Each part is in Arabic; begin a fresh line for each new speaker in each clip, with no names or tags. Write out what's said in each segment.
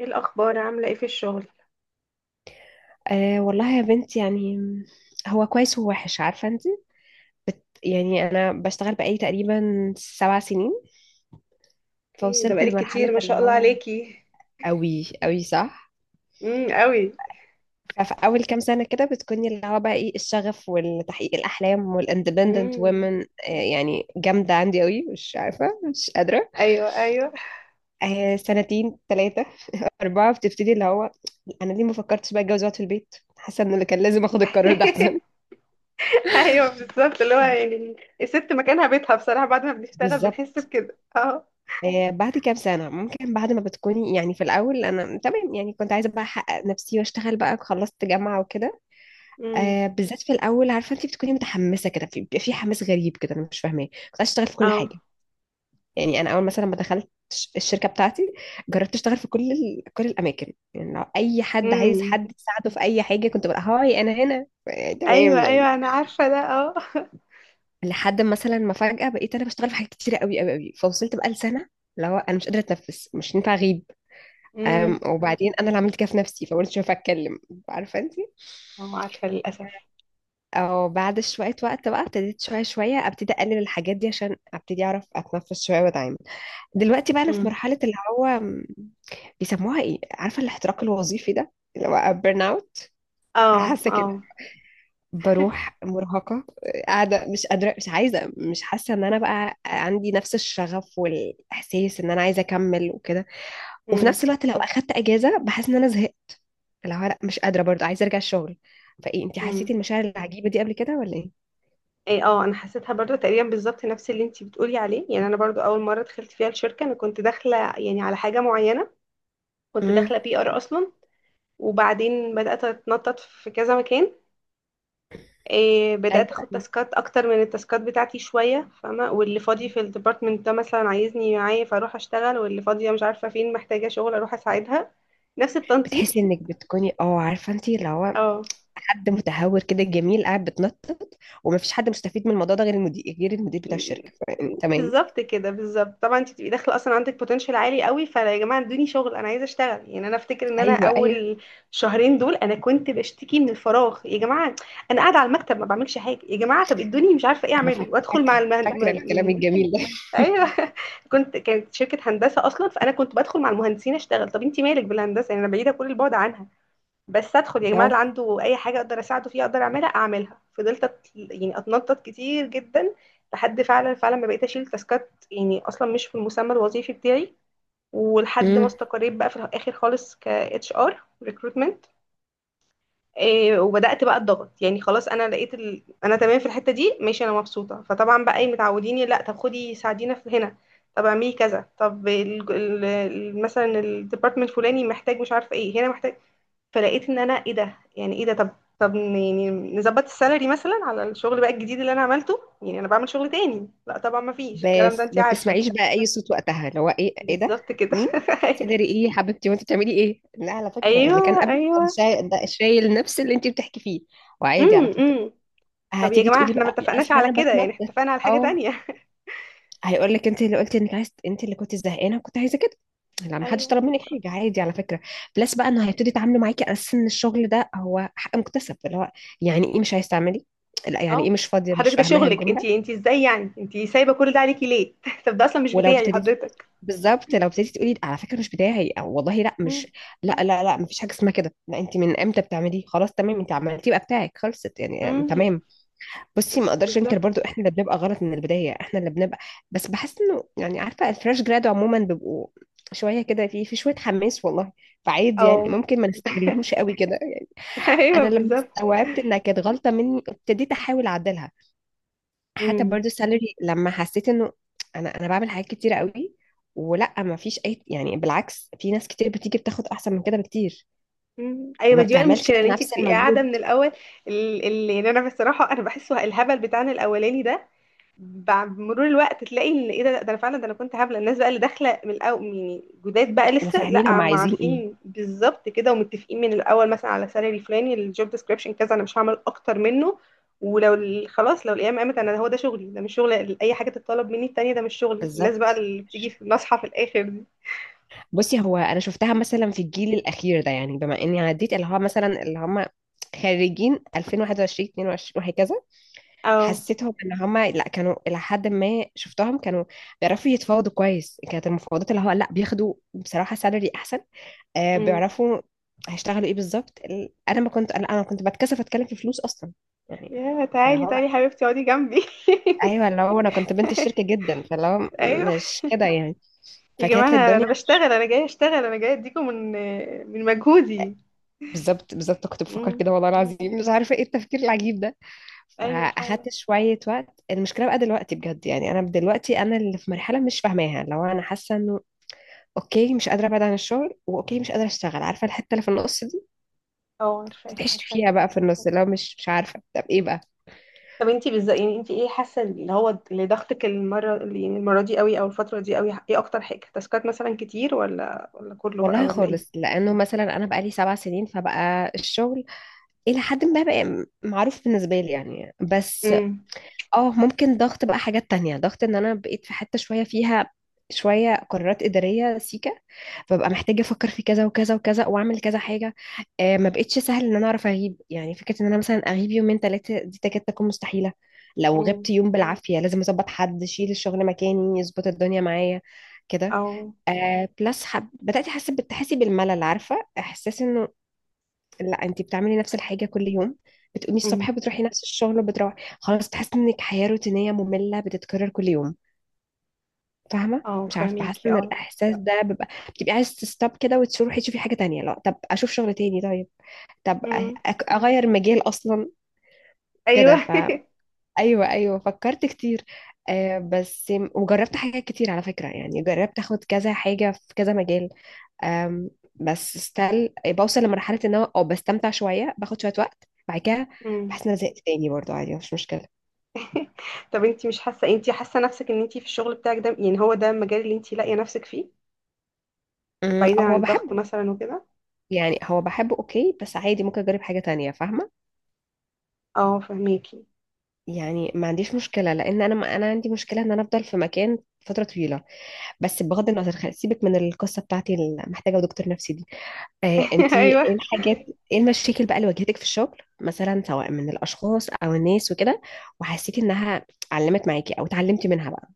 ايه الاخبار، عامله ايه في الشغل؟
والله يا بنت، يعني هو كويس ووحش عارفة انت. يعني انا بشتغل بقالي تقريبا سبع سنين،
ايه ده،
فوصلت
بقالك كتير،
لمرحلة
ما
اللي
شاء الله
هو
عليكي.
قوي قوي، صح.
امم، قوي.
ففي اول كام سنة كده بتكوني اللي هو بقى ايه، الشغف والتحقيق الاحلام والاندبندنت
امم.
وومن. يعني جامدة عندي قوي، مش عارفة مش قادرة.
ايوه، ايوه.
سنتين ثلاثة أربعة بتبتدي اللي هو انا ليه ما فكرتش بقى اتجوز واقعد في البيت، حاسة ان اللي كان لازم اخد القرار ده احسن.
ايوه، بالظبط. اللي هو يعني الست مكانها بيتها بصراحه، بعد ما بنشتغل بنحس
بالظبط.
بكده. اه.
بعد كام سنة ممكن بعد ما بتكوني، يعني في الأول أنا تمام، يعني كنت عايزة بقى أحقق نفسي وأشتغل بقى، خلصت جامعة وكده.
امم.
بالذات في الأول عارفة أنت بتكوني متحمسة كده بيبقى في حماس غريب كده أنا مش فاهماه، كنت عايزة أشتغل في كل
اه.
حاجة. يعني أنا أول مثلا ما دخلت الشركة بتاعتي جربت أشتغل في كل الأماكن، يعني لو أي حد عايز
امم.
حد يساعده في أي حاجة كنت بقى هاي أنا هنا، تمام
ايوه،
يعني.
ايوه، انا عارفه ده، اه.
لحد مثلا ما فجأة بقيت أنا بشتغل في حاجات كتيرة قوي قوي قوي، فوصلت بقى لسنة اللي هو أنا مش قادرة أتنفس، مش ينفع أغيب.
امم.
وبعدين انا اللي عملت كده في نفسي، فقلت شوف اتكلم، عارفه انت.
اه، عارفه للاسف.
او بعد شويه وقت بقى ابتديت شويه شويه ابتدي اقلل الحاجات دي عشان ابتدي اعرف اتنفس شويه واتعامل. دلوقتي بقى انا في
امم.
مرحله اللي هو بيسموها ايه، عارفه، الاحتراق الوظيفي ده اللي هو بيرن اوت. انا
اه،
حاسه كده،
اه.
بروح مرهقه، قاعده مش قادره مش عايزه، مش حاسه ان انا بقى عندي نفس الشغف والاحساس ان انا عايزه اكمل وكده. وفي نفس الوقت لو اخدت اجازه بحس ان انا زهقت، اللي هو لا مش قادرة برضه، عايزة ارجع الشغل. فايه، انت حسيتي
امم.
المشاعر العجيبة دي قبل كده ولا ايه؟
ايه، اه، انا حسيتها برضو تقريبا بالظبط نفس اللي انتي بتقولي عليه. يعني انا برضو اول مره دخلت فيها الشركه انا كنت داخله يعني على حاجه معينه. كنت داخله
امم
بي ار اصلا. وبعدين بدات اتنطط في كذا مكان. إيه،
ايوه
بدات اخد
أيوة.
تاسكات اكتر من التاسكات بتاعتي شويه، فاهمه؟ واللي فاضي في الديبارتمنت ده مثلا عايزني معايا، فاروح اشتغل. واللي فاضيه مش عارفه فين محتاجه شغل، اروح اساعدها. نفس التنطيط.
بتحسي انك بتكوني، اه عارفه انت اللي هو
اه
حد متهور كده جميل قاعد بتنطط. ومفيش حد مستفيد من الموضوع ده غير المدير، غير المدير بتاع الشركه، تمام.
بالظبط كده، بالظبط. طبعا انت تبقي داخله اصلا عندك بوتنشال عالي قوي، فيا جماعه ادوني شغل، انا عايزه اشتغل. يعني انا افتكر ان انا
ايوه ايوه،
اول شهرين دول انا كنت بشتكي من الفراغ يا جماعه. انا قاعده على المكتب ما بعملش حاجه، يا جماعه طب ادوني مش عارفه ايه
انا
اعمله. وادخل
فاكره فاكره الكلام
يعني.
الجميل ده.
ايوه. كنت، كانت شركه هندسه اصلا، فانا كنت بدخل مع المهندسين اشتغل. طب انت مالك بالهندسه؟ يعني انا بعيده كل البعد عنها، بس ادخل يا جماعه، اللي
اه.
عنده اي حاجه اقدر اساعده فيها اقدر اعملها اعملها. يعني اتنطط كتير جدا، لحد فعلا فعلا ما بقيت اشيل تاسكات يعني اصلا مش في المسمى الوظيفي بتاعي. ولحد ما
امم.
استقريت بقى في الاخر خالص ك اتش ار ريكروتمنت. وبدات بقى الضغط. يعني خلاص انا لقيت ال... انا تمام في الحته دي، ماشي، انا مبسوطه. فطبعا بقى ايه، متعوديني، لا طب خدي ساعدينا في هنا، طب اعملي كذا، طب مثلا الديبارتمنت الفلاني محتاج مش عارفه ايه، هنا محتاج. فلقيت ان انا ايه ده، يعني ايه ده؟ طب يعني نظبط السالري مثلا على الشغل بقى الجديد اللي انا عملته، يعني انا بعمل شغل تاني. لا طبعا ما فيش الكلام ده،
بس
انت
ما
عارفه.
بتسمعيش بقى اي صوت وقتها، اللي هو ايه ايه ده،
بالظبط كده.
مين،
ايوه،
سالري ايه يا حبيبتي وانت بتعملي ايه. لا على فكره، اللي كان
ايوه،
قبل
ايوه.
كان شايل ده، شايل نفس اللي انت بتحكي فيه. وعادي على
امم،
فكره.
امم. طب يا
هتيجي
جماعه
تقولي
احنا ما
بقى
اتفقناش
اصل
على
انا
كده، يعني احنا
بتنطط.
اتفقنا على حاجه
اه،
تانية.
هيقول لك انت اللي قلتي انك عايز، انت اللي كنت زهقانه وكنت عايزه كده. لا، ما حدش
ايوه
طلب منك
بالظبط.
حاجه، عادي على فكره. بلس بقى انه هيبتدي يتعاملوا معاكي على اساس ان الشغل ده هو حق مكتسب، اللي هو يعني ايه مش عايز تعملي، لا يعني
اه،
ايه مش فاضيه مش
حضرتك ده
فاهماها
شغلك انت،
الجمله.
انت ازاي يعني انت سايبه كل ده عليكي ليه؟ طب ده اصلا مش
ولو
بتاعي
ابتديتي،
حضرتك.
بالظبط لو ابتديتي تقولي على فكره مش بتاعي او والله لا مش،
امم.
لا لا لا مفيش حاجه اسمها كده، لا انت من امتى بتعمليه، خلاص تمام انت عملتيه بقى بتاعك، خلصت يعني.
امم.
تمام. بصي ما اقدرش انكر
بالظبط.
برضو احنا اللي بنبقى غلط من البدايه، احنا اللي بنبقى. بس بحس انه يعني عارفه، الفريش جراد عموما بيبقوا شويه كده، في شويه حماس والله، فعادي يعني
اه.
ممكن ما نستغلهمش قوي كده يعني.
ايوه
انا لما
بالظبط.
استوعبت انها كانت غلطه مني ابتديت احاول اعدلها. حتى
مم.
برضو السالري لما حسيت انه انا بعمل حاجات كتيره قوي، ولا ما فيش اي، يعني بالعكس في ناس كتير بتيجي بتاخد احسن من كده بكتير
مم. ايوه، ما
وما
دي بقى
بتعملش
المشكله، ان انت
نفس
بتبقي قاعده
المجهود
من الاول. يعني انا بصراحه انا بحسه الهبل بتاعنا الاولاني ده، بعد مرور الوقت تلاقي ان ايه ده، ده انا فعلا، ده انا كنت هبله. الناس بقى اللي داخله من الاول يعني جداد بقى لسه،
وفاهمين
لا
هم
ما
عايزين ايه.
عارفين بالظبط كده ومتفقين من الاول مثلا على سالري فلاني، الجوب ديسكريبشن كذا، انا مش هعمل اكتر منه. خلاص، لو الايام قامت انا هو ده شغلي، ده مش شغل، اي حاجه تتطلب مني التانيه ده مش شغلي. الناس بقى
بالظبط.
اللي بتيجي في نصحى في الاخر دي.
بصي، هو انا شفتها مثلا في الجيل الاخير ده، يعني بما اني عديت اللي هو مثلا اللي هم خريجين 2021 22 وهكذا،
اه.
حسيتهم ان هم لا، كانوا الى حد ما شفتهم كانوا بيعرفوا يتفاوضوا كويس، كانت المفاوضات اللي هو لا بياخدوا بصراحه سالري احسن.
امم.
بيعرفوا هيشتغلوا ايه بالظبط. انا ما كنت، أنا كنت بتكسف اتكلم في فلوس اصلا يعني.
يا
اللي
تعالي
هو
تعالي حبيبتي اقعدي جنبي.
ايوه، اللي هو انا كنت بنت الشركه جدا، فاللي هو
ايوه.
مش كده يعني.
يا جماعه
فكانت
انا،
الدنيا
انا
مش-
بشتغل، انا جايه اشتغل، انا جايه اديكم من من مجهودي.
بالظبط بالظبط، كنت بفكر
امم.
كده والله العظيم، مش عارفه ايه التفكير العجيب ده.
ايوه فعلا.
فاخدت شويه وقت. المشكله بقى دلوقتي بجد يعني، انا دلوقتي انا اللي في مرحله مش فاهماها، لو انا حاسه انه اوكي مش قادره ابعد عن الشغل، واوكي مش قادره اشتغل، عارفه الحته اللي في النص دي،
اه، عارفاه
بتتعيش
عارفاه
فيها
جدا.
بقى في النص، اللي هو مش عارفه طب ايه بقى.
طب انتي بالظبط يعني انتي ايه حاسه اللي هو اللي ضغطك المره، اللي يعني المره دي قوي او الفتره دي قوي؟ ايه اكتر حاجه، تاسكات مثلا كتير، ولا ولا كله بقى،
والله
ولا
خالص،
ايه؟
لانه مثلا انا بقالي سبع سنين فبقى الشغل الى حد ما بقى معروف بالنسبه لي يعني. بس
امم.
اه ممكن ضغط بقى، حاجات تانية، ضغط ان انا بقيت في حته شويه فيها شويه قرارات اداريه سيكه، فبقى محتاجه افكر في كذا وكذا وكذا واعمل كذا حاجه. آه ما بقتش سهل ان انا اعرف اغيب، يعني فكره ان انا مثلا اغيب يومين ثلاثه دي تكاد تكون مستحيله. لو غبت
امم.
يوم بالعافيه لازم اظبط حد يشيل الشغل مكاني، يظبط الدنيا معايا كده.
او.
بلس بدأت أحس، بتحسي بالملل، عارفة إحساس إنه لا أنت بتعملي نفس الحاجة كل يوم، بتقومي الصبح
امم.
بتروحي نفس الشغل وبتروحي، خلاص بتحسي إنك حياة روتينية مملة بتتكرر كل يوم. فاهمة،
اه
مش عارفة بحس
فاهميكي،
إن
اه.
الإحساس ده بيبقى بتبقي عايز تستوب كده وتروحي تشوفي حاجة تانية. لا طب أشوف شغل تاني، طيب طب
امم.
أغير مجال أصلا كده.
ايوه.
فا أيوه أيوه فكرت كتير. آه بس وجربت حاجات كتير على فكرة، يعني جربت أخد كذا حاجة في كذا مجال. أم، بس ستيل بوصل لمرحلة ان انا او بستمتع شوية باخد شوية وقت، بعد كده
امم.
بحس ان انا زهقت تاني برضه، عادي مش مشكلة.
طب انتي مش حاسه، انتي حاسه نفسك ان انتي في الشغل بتاعك ده يعني هو ده المجال اللي انتي لاقيه نفسك فيه، بعيدا
او
عن
هو
الضغط
بحبه،
مثلا وكده؟
يعني هو بحبه اوكي، بس عادي ممكن اجرب حاجة تانية فاهمة.
اه فهميكي.
يعني ما عنديش مشكلة، لان انا ما انا عندي مشكلة ان انا افضل في مكان فترة طويلة. بس بغض النظر سيبك من القصة بتاعتي اللي محتاجة دكتور نفسي دي. آه انتي ايه
ايوه.
الحاجات، ايه المشاكل بقى اللي واجهتك في الشغل مثلا سواء من الاشخاص او الناس وكده، وحسيتي انها علمت معاكي او اتعلمتي منها بقى.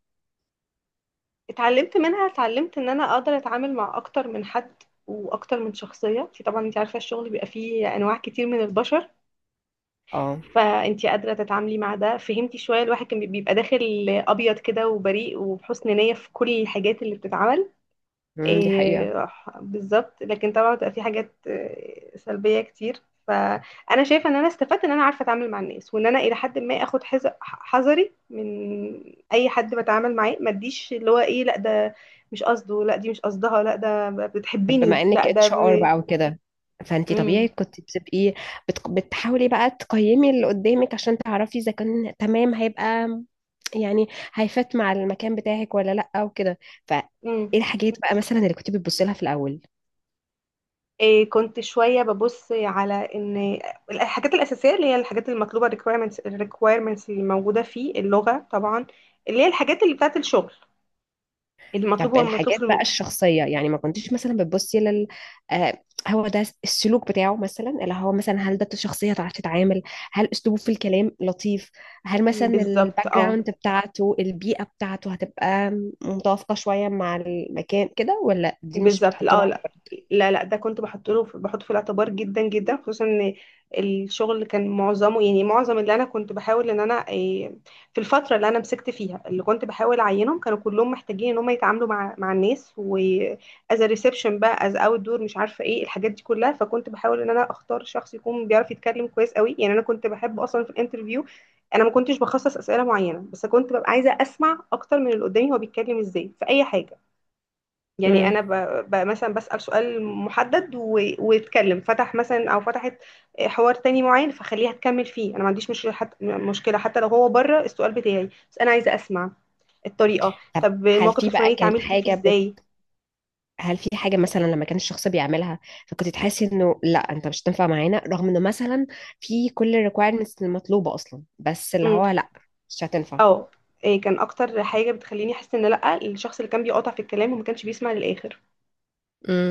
اتعلمت منها، اتعلمت ان انا اقدر اتعامل مع اكتر من حد واكتر من شخصيه. انت طبعا انت عارفه الشغل بيبقى فيه انواع كتير من البشر،
اه.
فانت قادره تتعاملي مع ده، فهمتي؟ شويه الواحد كان بيبقى داخل ابيض كده وبريء وبحسن نيه في كل الحاجات اللي بتتعمل.
دي حقيقة.
إيه، بالظبط. لكن طبعا بتبقى في حاجات، إيه، سلبية كتير. فأنا شايفة إن أنا استفدت إن أنا عارفة أتعامل مع الناس، وإن أنا إلى حد ما آخد حذري من أي حد بتعامل معاه. ما اديش اللي هو إيه، لا ده مش قصده، لا دي مش قصدها، لا ده
طب
بتحبني،
بما انك
لا ده
اتش ار
ب...
بقى وكده، فانتي طبيعي
مم.
كنت بتبقي بتحاولي بقى تقيمي اللي قدامك عشان تعرفي اذا كان تمام هيبقى، يعني هيفات مع المكان بتاعك ولا لا وكده. فايه
مم.
الحاجات بقى مثلا اللي كنت بتبصي لها في الاول.
إيه، كنت شوية ببص على إن الحاجات الأساسية اللي هي الحاجات المطلوبة requirements الريكويرمنتس اللي موجودة، فيه اللغة طبعا، اللي هي الحاجات اللي بتاعت الشغل
طب
المطلوب، هو المطلوب في
الحاجات بقى
الم-.
الشخصية، يعني ما كنتيش مثلا بتبصي لل، آه هو ده السلوك بتاعه مثلا، اللي هو مثلا هل ده شخصية تعرف تتعامل، هل أسلوبه في الكلام لطيف، هل مثلا
بالظبط
الباك
اه.
جراوند بتاعته، البيئة بتاعته هتبقى متوافقة شوية مع المكان كده، ولا دي مش
بالظبط.
بتحط
لا
له
آه،
على
لا،
بالك؟
لا، لا، ده كنت بحط له، بحطه في الاعتبار جدا جدا، خصوصا ان الشغل كان معظمه، يعني معظم اللي انا كنت بحاول ان انا إيه، في الفتره اللي انا مسكت فيها اللي كنت بحاول اعينهم، كانوا كلهم محتاجين ان هم يتعاملوا مع الناس، واز ريسبشن بقى از اوت دور، مش عارفه ايه الحاجات دي كلها. فكنت بحاول ان انا اختار شخص يكون بيعرف يتكلم كويس قوي. يعني انا كنت بحب اصلا في الانترفيو، انا ما كنتش بخصص اسئله معينه، بس كنت ببقى عايزه اسمع اكتر من اللي قدامي، هو بيتكلم ازاي في اي حاجه. يعني
مم.
انا ب... مثلا بسأل ويتكلم فتح مثلا، او فتحت حوار تاني معين، فخليها تكمل فيه، انا ما عنديش مشكله، حتى مشكله حتى لو هو بره السؤال بتاعي، بس انا عايزه اسمع الطريقه.
طب
طب
هل
الموقف
في
الفلاني
بقى كانت
اتعاملتي فيه
حاجة،
ازاي؟
هل في حاجة مثلا لما كان الشخص بيعملها فكنت تحسي انه لا انت مش هتنفع معانا، رغم انه مثلا في كل الريكويرمنتس المطلوبة اصلا، بس اللي
امم.
هو لا مش هتنفع.
اه. إيه، كان اكتر حاجه بتخليني احس ان لا، الشخص اللي كان بيقاطع في الكلام وما كانش بيسمع للاخر.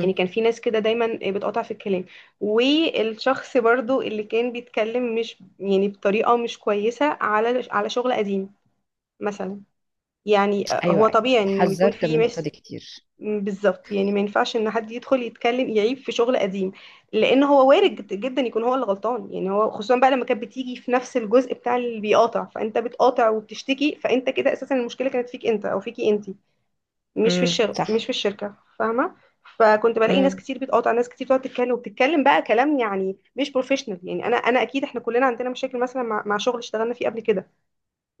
يعني كان في ناس كده دايما بتقاطع في الكلام، والشخص برضو اللي كان بيتكلم مش يعني بطريقه مش كويسه على على شغل قديم مثلا. يعني آه،
ايوه
هو
ايوه،
طبيعي ان بيكون
اتحذرت من
في
النقطة
مس.
دي كتير.
بالظبط، يعني ما ينفعش ان حد يدخل يتكلم يعيب في شغل قديم، لان هو وارد جدا يكون هو اللي غلطان. يعني هو خصوصا بقى لما كانت بتيجي في نفس الجزء بتاع اللي بيقاطع، فانت بتقاطع وبتشتكي، فانت كده اساسا المشكله كانت فيك انت او فيكي انت، مش في الشغل، مش
صح.
في الشركه، فاهمه؟ فكنت بلاقي ناس
امم
كتير بتقاطع، ناس كتير بتقعد تتكلم وبتتكلم بقى كلام يعني مش بروفيشنال. يعني انا، انا اكيد احنا كلنا عندنا مشاكل مثلا مع شغل اشتغلنا فيه قبل كده،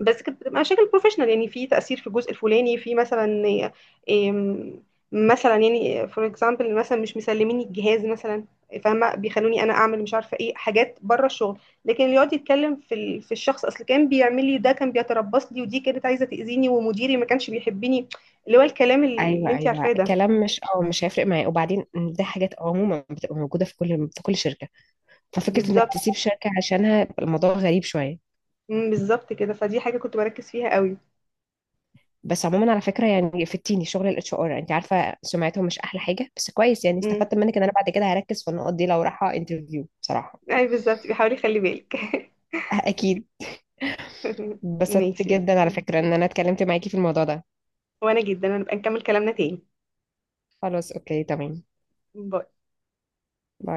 بس كانت بتبقى مشاكل بروفيشنال، يعني في تأثير في الجزء الفلاني، في مثلا إيه، مثلا يعني فور اكزامبل، مثلا مش مسلميني الجهاز مثلا، فاهمة؟ بيخلوني انا اعمل مش عارفة ايه، حاجات بره الشغل. لكن اللي يقعد يتكلم في الشخص، اصل كان بيعمل لي ده، كان بيتربص لي، ودي كانت عايزة تأذيني، ومديري ما كانش بيحبني، اللي هو الكلام اللي
ايوه
انت
ايوه،
عارفاه ده.
كلام مش، اه مش هيفرق معايا، وبعدين دي حاجات عموما بتبقى موجودة في كل في كل شركة، ففكرة انك تسيب
بالظبط.
شركة عشانها الموضوع غريب شوية.
مم، بالظبط كده، فدي حاجة كنت بركز فيها قوي.
بس عموما على فكره، يعني فتيني شغل الاتش ار، انت عارفه سمعتهم مش احلى حاجه، بس كويس يعني
امم.
استفدت منك ان انا بعد كده هركز في النقط دي لو رايحه انترفيو بصراحه.
اي بالظبط، بيحاول يخلي بالك.
اكيد. اتبسطت
ماشي،
جدا على فكره ان انا اتكلمت معاكي في الموضوع ده.
وانا جدا هنبقى نكمل كلامنا تاني.
خلاص اوكي تمام.
ب...
باي.